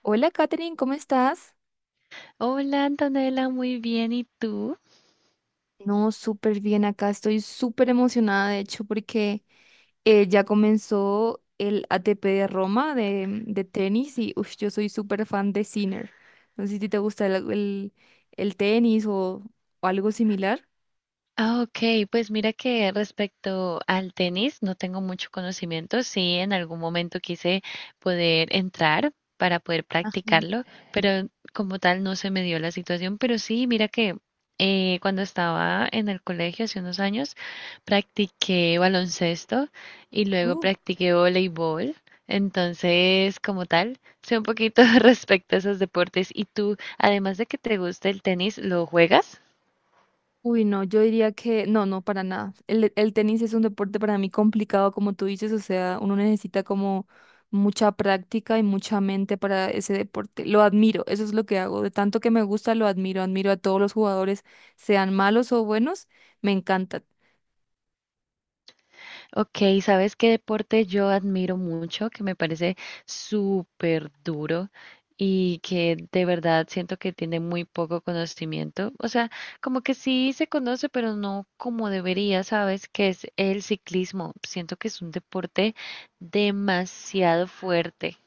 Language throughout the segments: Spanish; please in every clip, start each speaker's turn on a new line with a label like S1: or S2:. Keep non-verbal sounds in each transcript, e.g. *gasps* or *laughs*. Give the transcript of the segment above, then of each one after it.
S1: Hola, Katherine, ¿cómo estás?
S2: Hola Antonella, muy bien. ¿Y tú?
S1: No, súper bien acá. Estoy súper emocionada, de hecho, porque ya comenzó el ATP de Roma de tenis y ush, yo soy súper fan de Sinner. No sé si te gusta el tenis o algo similar.
S2: Ah, ok, pues mira que respecto al tenis no tengo mucho conocimiento. Sí, en algún momento quise poder entrar para poder
S1: Ajá.
S2: practicarlo, pero como tal no se me dio la situación. Pero sí, mira que cuando estaba en el colegio hace unos años, practiqué baloncesto y luego
S1: Uh,
S2: practiqué voleibol. Entonces, como tal, sé un poquito *laughs* respecto a esos deportes. ¿Y tú, además de que te gusta el tenis, lo juegas?
S1: uy, no, yo diría que no, no, para nada. El tenis es un deporte para mí complicado, como tú dices, o sea, uno necesita como mucha práctica y mucha mente para ese deporte. Lo admiro, eso es lo que hago. De tanto que me gusta, lo admiro. Admiro a todos los jugadores, sean malos o buenos, me encanta.
S2: Ok, ¿sabes qué deporte yo admiro mucho, que me parece súper duro y que de verdad siento que tiene muy poco conocimiento? O sea, como que sí se conoce, pero no como debería, ¿sabes? Que es el ciclismo. Siento que es un deporte demasiado fuerte.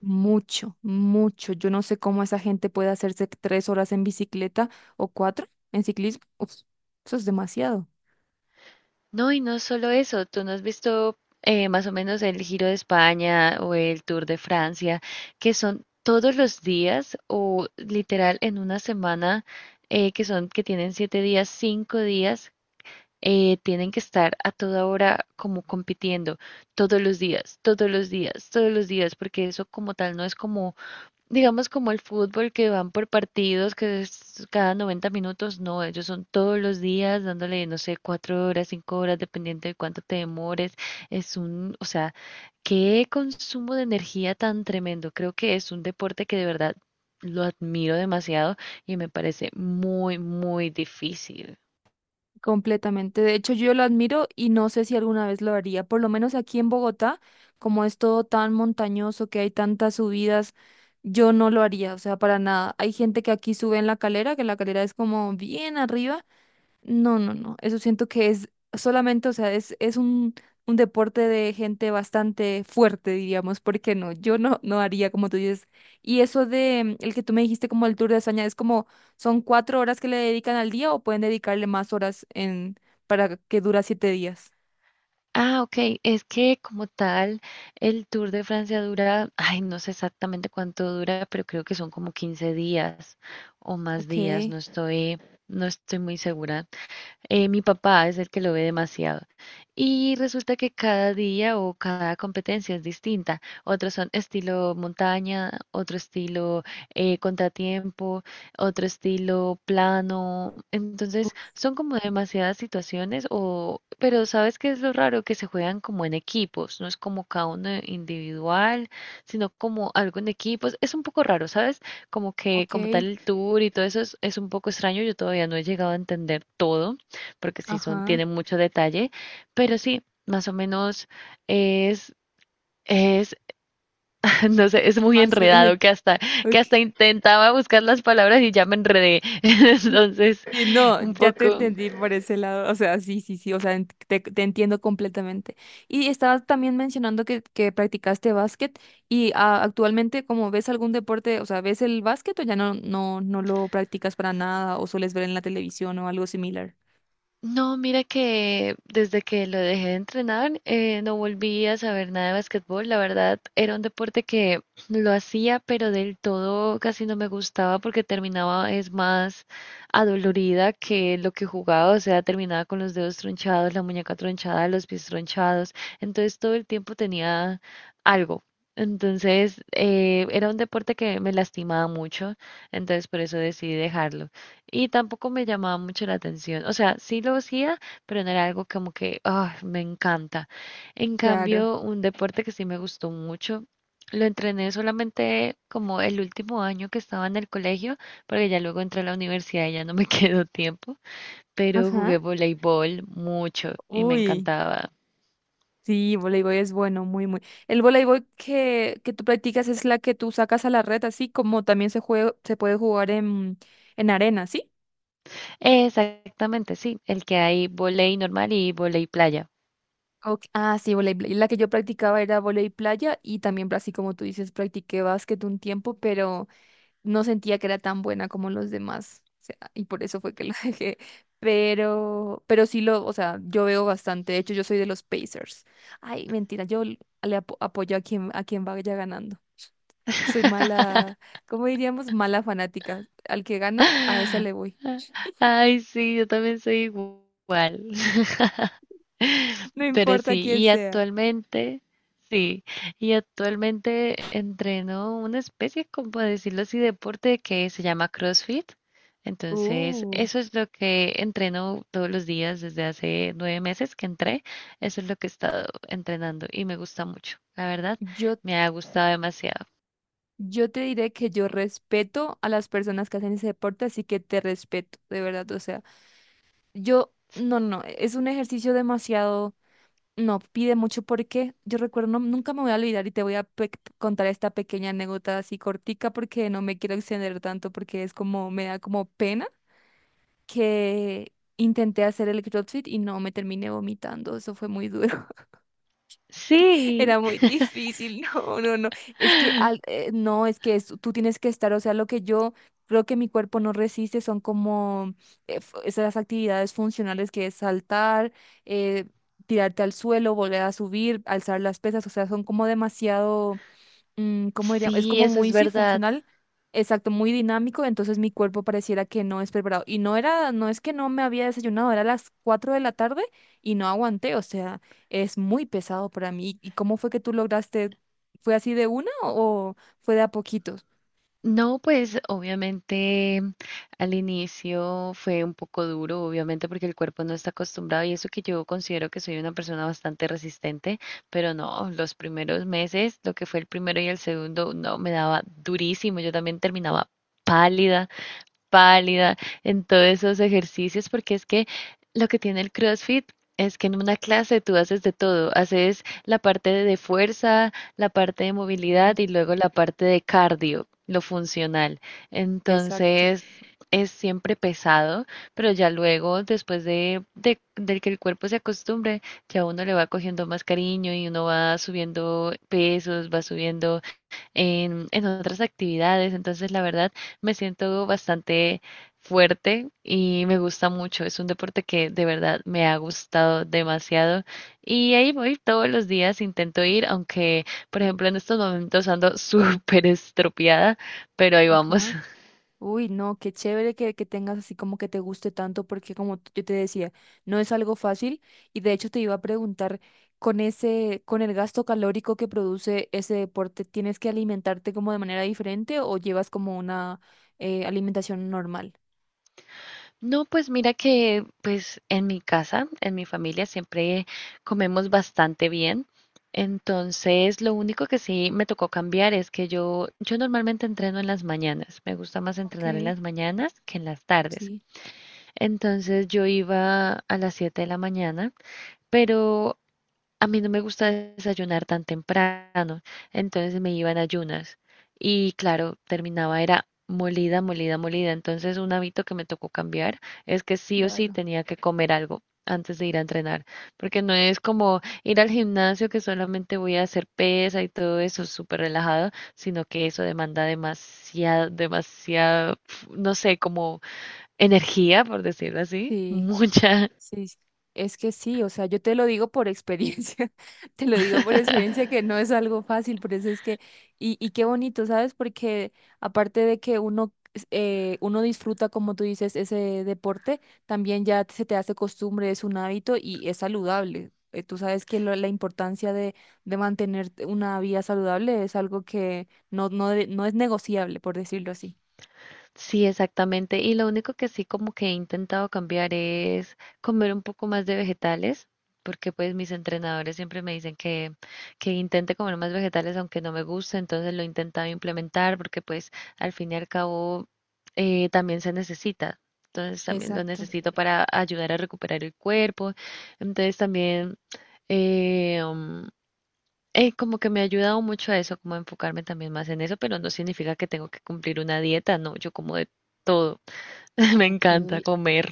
S1: Mucho, mucho. Yo no sé cómo esa gente puede hacerse 3 horas en bicicleta o cuatro en ciclismo. Uf, eso es demasiado.
S2: No, y no solo eso, tú no has visto más o menos el Giro de España o el Tour de Francia, que son todos los días o literal en una semana, que tienen 7 días, 5 días, tienen que estar a toda hora como compitiendo, todos los días, todos los días, todos los días, porque eso como tal no es como digamos como el fútbol que van por partidos, que es cada 90 minutos. No, ellos son todos los días dándole, no sé, 4 horas, 5 horas, dependiendo de cuánto te demores. O sea, qué consumo de energía tan tremendo. Creo que es un deporte que de verdad lo admiro demasiado y me parece muy, muy difícil.
S1: Completamente. De hecho, yo lo admiro y no sé si alguna vez lo haría. Por lo menos aquí en Bogotá, como es todo tan montañoso, que hay tantas subidas, yo no lo haría, o sea, para nada. Hay gente que aquí sube en la calera, que la calera es como bien arriba, no, no, no. Eso siento que es solamente, o sea, es un deporte de gente bastante fuerte, diríamos, porque no, yo no, no haría como tú dices. Y eso de el que tú me dijiste como el Tour de España, es como, ¿son cuatro horas que le dedican al día o pueden dedicarle más horas en, para que dura 7 días?
S2: Ah, ok. Es que como tal, el Tour de Francia dura, ay, no sé exactamente cuánto dura, pero creo que son como 15 días o más
S1: Ok,
S2: días. No estoy, no estoy muy segura. Mi papá es el que lo ve demasiado. Y resulta que cada día o cada competencia es distinta. Otros son estilo montaña, otro estilo contratiempo, otro estilo plano.
S1: u-
S2: Entonces, son como demasiadas situaciones o, pero ¿sabes qué es lo raro? Que se juegan como en equipos, no es como cada uno individual, sino como algo en equipos. Es un poco raro, ¿sabes? Como que
S1: ok,
S2: como tal el tour y todo eso es un poco extraño. Yo todavía no he llegado a entender todo porque sí son,
S1: ajá.
S2: tienen mucho detalle, pero sí, más o menos es, es, *laughs* no sé, es muy
S1: Más,
S2: enredado
S1: *laughs*
S2: que
S1: ok.
S2: hasta intentaba buscar las palabras y ya me enredé. *laughs* Entonces,
S1: Sí, no,
S2: un
S1: ya te
S2: poco.
S1: entendí por ese lado, o sea, sí, sí, sí, o sea, te entiendo completamente. Y estabas también mencionando que practicaste básquet y ah, actualmente, como ves algún deporte, o sea, ¿ves el básquet o ya no, no, no lo practicas para nada o sueles ver en la televisión o algo similar?
S2: No, mira que desde que lo dejé de entrenar, no volví a saber nada de básquetbol. La verdad, era un deporte que lo hacía, pero del todo casi no me gustaba porque terminaba es más adolorida que lo que jugaba. O sea, terminaba con los dedos tronchados, la muñeca tronchada, los pies tronchados. Entonces todo el tiempo tenía algo. Entonces, era un deporte que me lastimaba mucho. Entonces, por eso decidí dejarlo. Y tampoco me llamaba mucho la atención. O sea, sí lo hacía, pero no era algo como que, ah, me encanta. En
S1: Claro.
S2: cambio, un deporte que sí me gustó mucho, lo entrené solamente como el último año que estaba en el colegio, porque ya luego entré a la universidad y ya no me *laughs* quedó tiempo, pero
S1: Ajá.
S2: jugué voleibol mucho y me
S1: Uy,
S2: encantaba.
S1: sí, voleibol es bueno, muy, muy. El voleibol que tú practicas es la que tú sacas a la red, así como también se juega, se puede jugar en arena, ¿sí?
S2: Exactamente, sí, el que hay volei normal y volei playa.
S1: Ok, ah, sí, voleibol. La que yo practicaba era voleibol playa y también, así como tú dices, practiqué básquet un tiempo, pero no sentía que era tan buena como los demás. O sea, y por eso fue que lo *laughs* dejé. Pero sí lo, o sea, yo veo bastante. De hecho, yo soy de los Pacers. Ay, mentira, yo le apoyo a quien vaya ganando. *laughs* Soy mala, ¿cómo diríamos? Mala fanática. Al que gana, a esa le
S2: *laughs*
S1: voy.
S2: Ay, sí, yo también soy igual. *laughs*
S1: *laughs* No
S2: Pero
S1: importa
S2: sí,
S1: quién
S2: y
S1: sea.
S2: actualmente, sí, y actualmente entreno una especie, como decirlo así, deporte que se llama CrossFit. Entonces,
S1: Uh,
S2: eso es lo que entreno todos los días desde hace 9 meses que entré. Eso es lo que he estado entrenando y me gusta mucho. La verdad,
S1: yo
S2: me ha gustado demasiado.
S1: Yo te diré que yo respeto a las personas que hacen ese deporte, así que te respeto, de verdad. O sea, yo, no, no, no, es un ejercicio demasiado, no, pide mucho porque yo recuerdo, nunca me voy a olvidar y te voy a contar esta pequeña anécdota así cortica porque no me quiero extender tanto porque es como, me da como pena que intenté hacer el CrossFit y no me terminé vomitando, eso fue muy duro.
S2: Sí,
S1: Era muy difícil, *laughs* no, no, no. Es que,
S2: *gasps* *laughs*
S1: no, es que tú tienes que estar, o sea, lo que yo creo que mi cuerpo no resiste son como esas actividades funcionales que es saltar, eh, tirarte al suelo, volver a subir, alzar las pesas, o sea, son como demasiado ¿cómo diría? Es
S2: sí,
S1: como
S2: eso
S1: muy,
S2: es
S1: sí,
S2: verdad.
S1: funcional, exacto, muy dinámico, entonces mi cuerpo pareciera que no es preparado. Y no era, no es que no me había desayunado, era las 4 de la tarde y no aguanté, o sea, es muy pesado para mí. ¿Y cómo fue que tú lograste? ¿Fue así de una o fue de a poquitos?
S2: No, pues obviamente al inicio fue un poco duro, obviamente porque el cuerpo no está acostumbrado y eso que yo considero que soy una persona bastante resistente, pero no, los primeros meses, lo que fue el primero y el segundo, no, me daba durísimo. Yo también terminaba pálida pálida, en todos esos ejercicios, porque es que lo que tiene el CrossFit es que en una clase tú haces de todo, haces la parte de fuerza, la parte de movilidad
S1: Bien.
S2: y luego la parte de cardio, lo funcional.
S1: Exacto.
S2: Entonces es siempre pesado, pero ya luego, después de que el cuerpo se acostumbre, ya uno le va cogiendo más cariño y uno va subiendo pesos, va subiendo en otras actividades. Entonces, la verdad, me siento bastante fuerte y me gusta mucho. Es un deporte que de verdad me ha gustado demasiado y ahí voy todos los días, intento ir, aunque, por ejemplo, en estos momentos ando *laughs* súper estropeada, pero ahí vamos.
S1: Ajá. Uy, no, qué chévere que tengas así como que te guste tanto, porque como yo te decía, no es algo fácil y de hecho te iba a preguntar, con ese, con el gasto calórico que produce ese deporte, ¿tienes que alimentarte como de manera diferente o llevas como una alimentación normal?
S2: No, pues mira que pues en mi casa, en mi familia siempre comemos bastante bien. Entonces, lo único que sí me tocó cambiar es que yo normalmente entreno en las mañanas. Me gusta más
S1: Ok,
S2: entrenar en las mañanas que en las tardes.
S1: sí,
S2: Entonces, yo iba a las 7 de la mañana, pero a mí no me gusta desayunar tan temprano, entonces me iba en ayunas y claro, terminaba era molida, molida, molida. Entonces un hábito que me tocó cambiar es que sí o sí
S1: claro.
S2: tenía que comer algo antes de ir a entrenar, porque no es como ir al gimnasio que solamente voy a hacer pesa y todo eso súper relajado, sino que eso demanda demasiado, demasiado, no sé, como energía, por decirlo así,
S1: Sí.
S2: mucha.
S1: Sí, sí. Es que sí, o sea, yo te lo digo por experiencia, *laughs* te lo digo por experiencia
S2: *laughs*
S1: que no es algo fácil, por eso es que, y qué bonito, ¿sabes? Porque aparte de que uno, uno disfruta, como tú dices, ese deporte, también ya se te hace costumbre, es un hábito y es saludable. Tú sabes que la importancia de mantener una vida saludable es algo que no, no, no es negociable, por decirlo así.
S2: Sí, exactamente. Y lo único que sí como que he intentado cambiar es comer un poco más de vegetales, porque pues mis entrenadores siempre me dicen que intente comer más vegetales aunque no me guste, entonces lo he intentado implementar porque pues al fin y al cabo también se necesita. Entonces también lo
S1: Exacto.
S2: necesito para ayudar a recuperar el cuerpo. Entonces también... em, como que me ha ayudado mucho a eso, como a enfocarme también más en eso, pero no significa que tengo que cumplir una dieta, no, yo como de todo, *laughs* me
S1: Ok,
S2: encanta comer.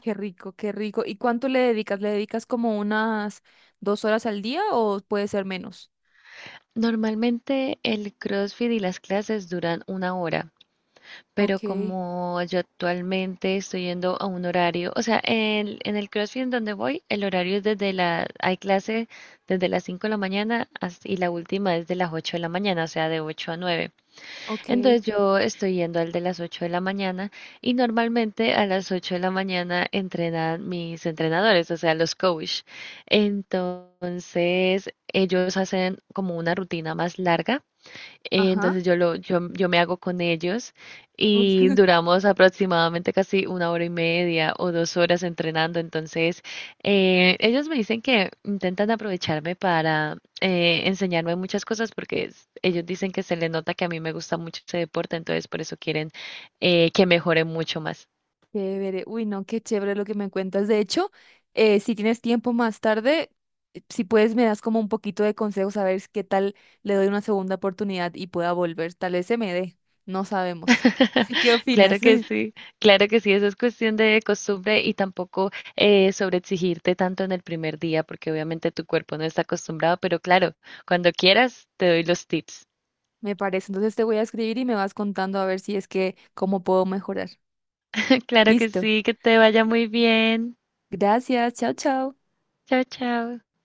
S1: qué rico, qué rico. ¿Y cuánto le dedicas? ¿Le dedicas como unas 2 horas al día o puede ser menos?
S2: Normalmente el CrossFit y las clases duran 1 hora, pero
S1: Ok,
S2: como yo actualmente estoy yendo a un horario, o sea, en el CrossFit en donde voy, el horario es hay clase desde las 5 de la mañana y la última es de las 8 de la mañana, o sea, de 8 a 9. Entonces
S1: ok.
S2: yo estoy yendo al de las 8 de la mañana y normalmente a las 8 de la mañana entrenan mis entrenadores, o sea, los coach. Entonces ellos hacen como una rutina más larga.
S1: Ajá.
S2: Entonces yo me hago con ellos
S1: Uf,
S2: y
S1: *laughs*
S2: duramos aproximadamente casi 1 hora y media o 2 horas entrenando. Entonces ellos me dicen que intentan aprovecharme para enseñarme muchas cosas porque ellos dicen que se le nota que a mí me gusta mucho ese deporte, entonces por eso quieren que mejore mucho más.
S1: chévere. Uy, no, qué chévere lo que me cuentas. De hecho, si tienes tiempo más tarde, si puedes, me das como un poquito de consejos a ver qué tal le doy una segunda oportunidad y pueda volver. Tal vez se me dé. No sabemos. *laughs*
S2: *laughs*
S1: Sí, ¿qué opinas? *laughs*
S2: Claro que sí, eso es cuestión de costumbre y tampoco sobreexigirte tanto en el primer día, porque obviamente tu cuerpo no está acostumbrado, pero claro, cuando quieras te doy los tips.
S1: Me parece. Entonces te voy a escribir y me vas contando a ver si es que cómo puedo mejorar.
S2: *laughs* Claro que
S1: Listo.
S2: sí, que te vaya muy bien.
S1: Gracias. Chao, chao.
S2: Chao, chao.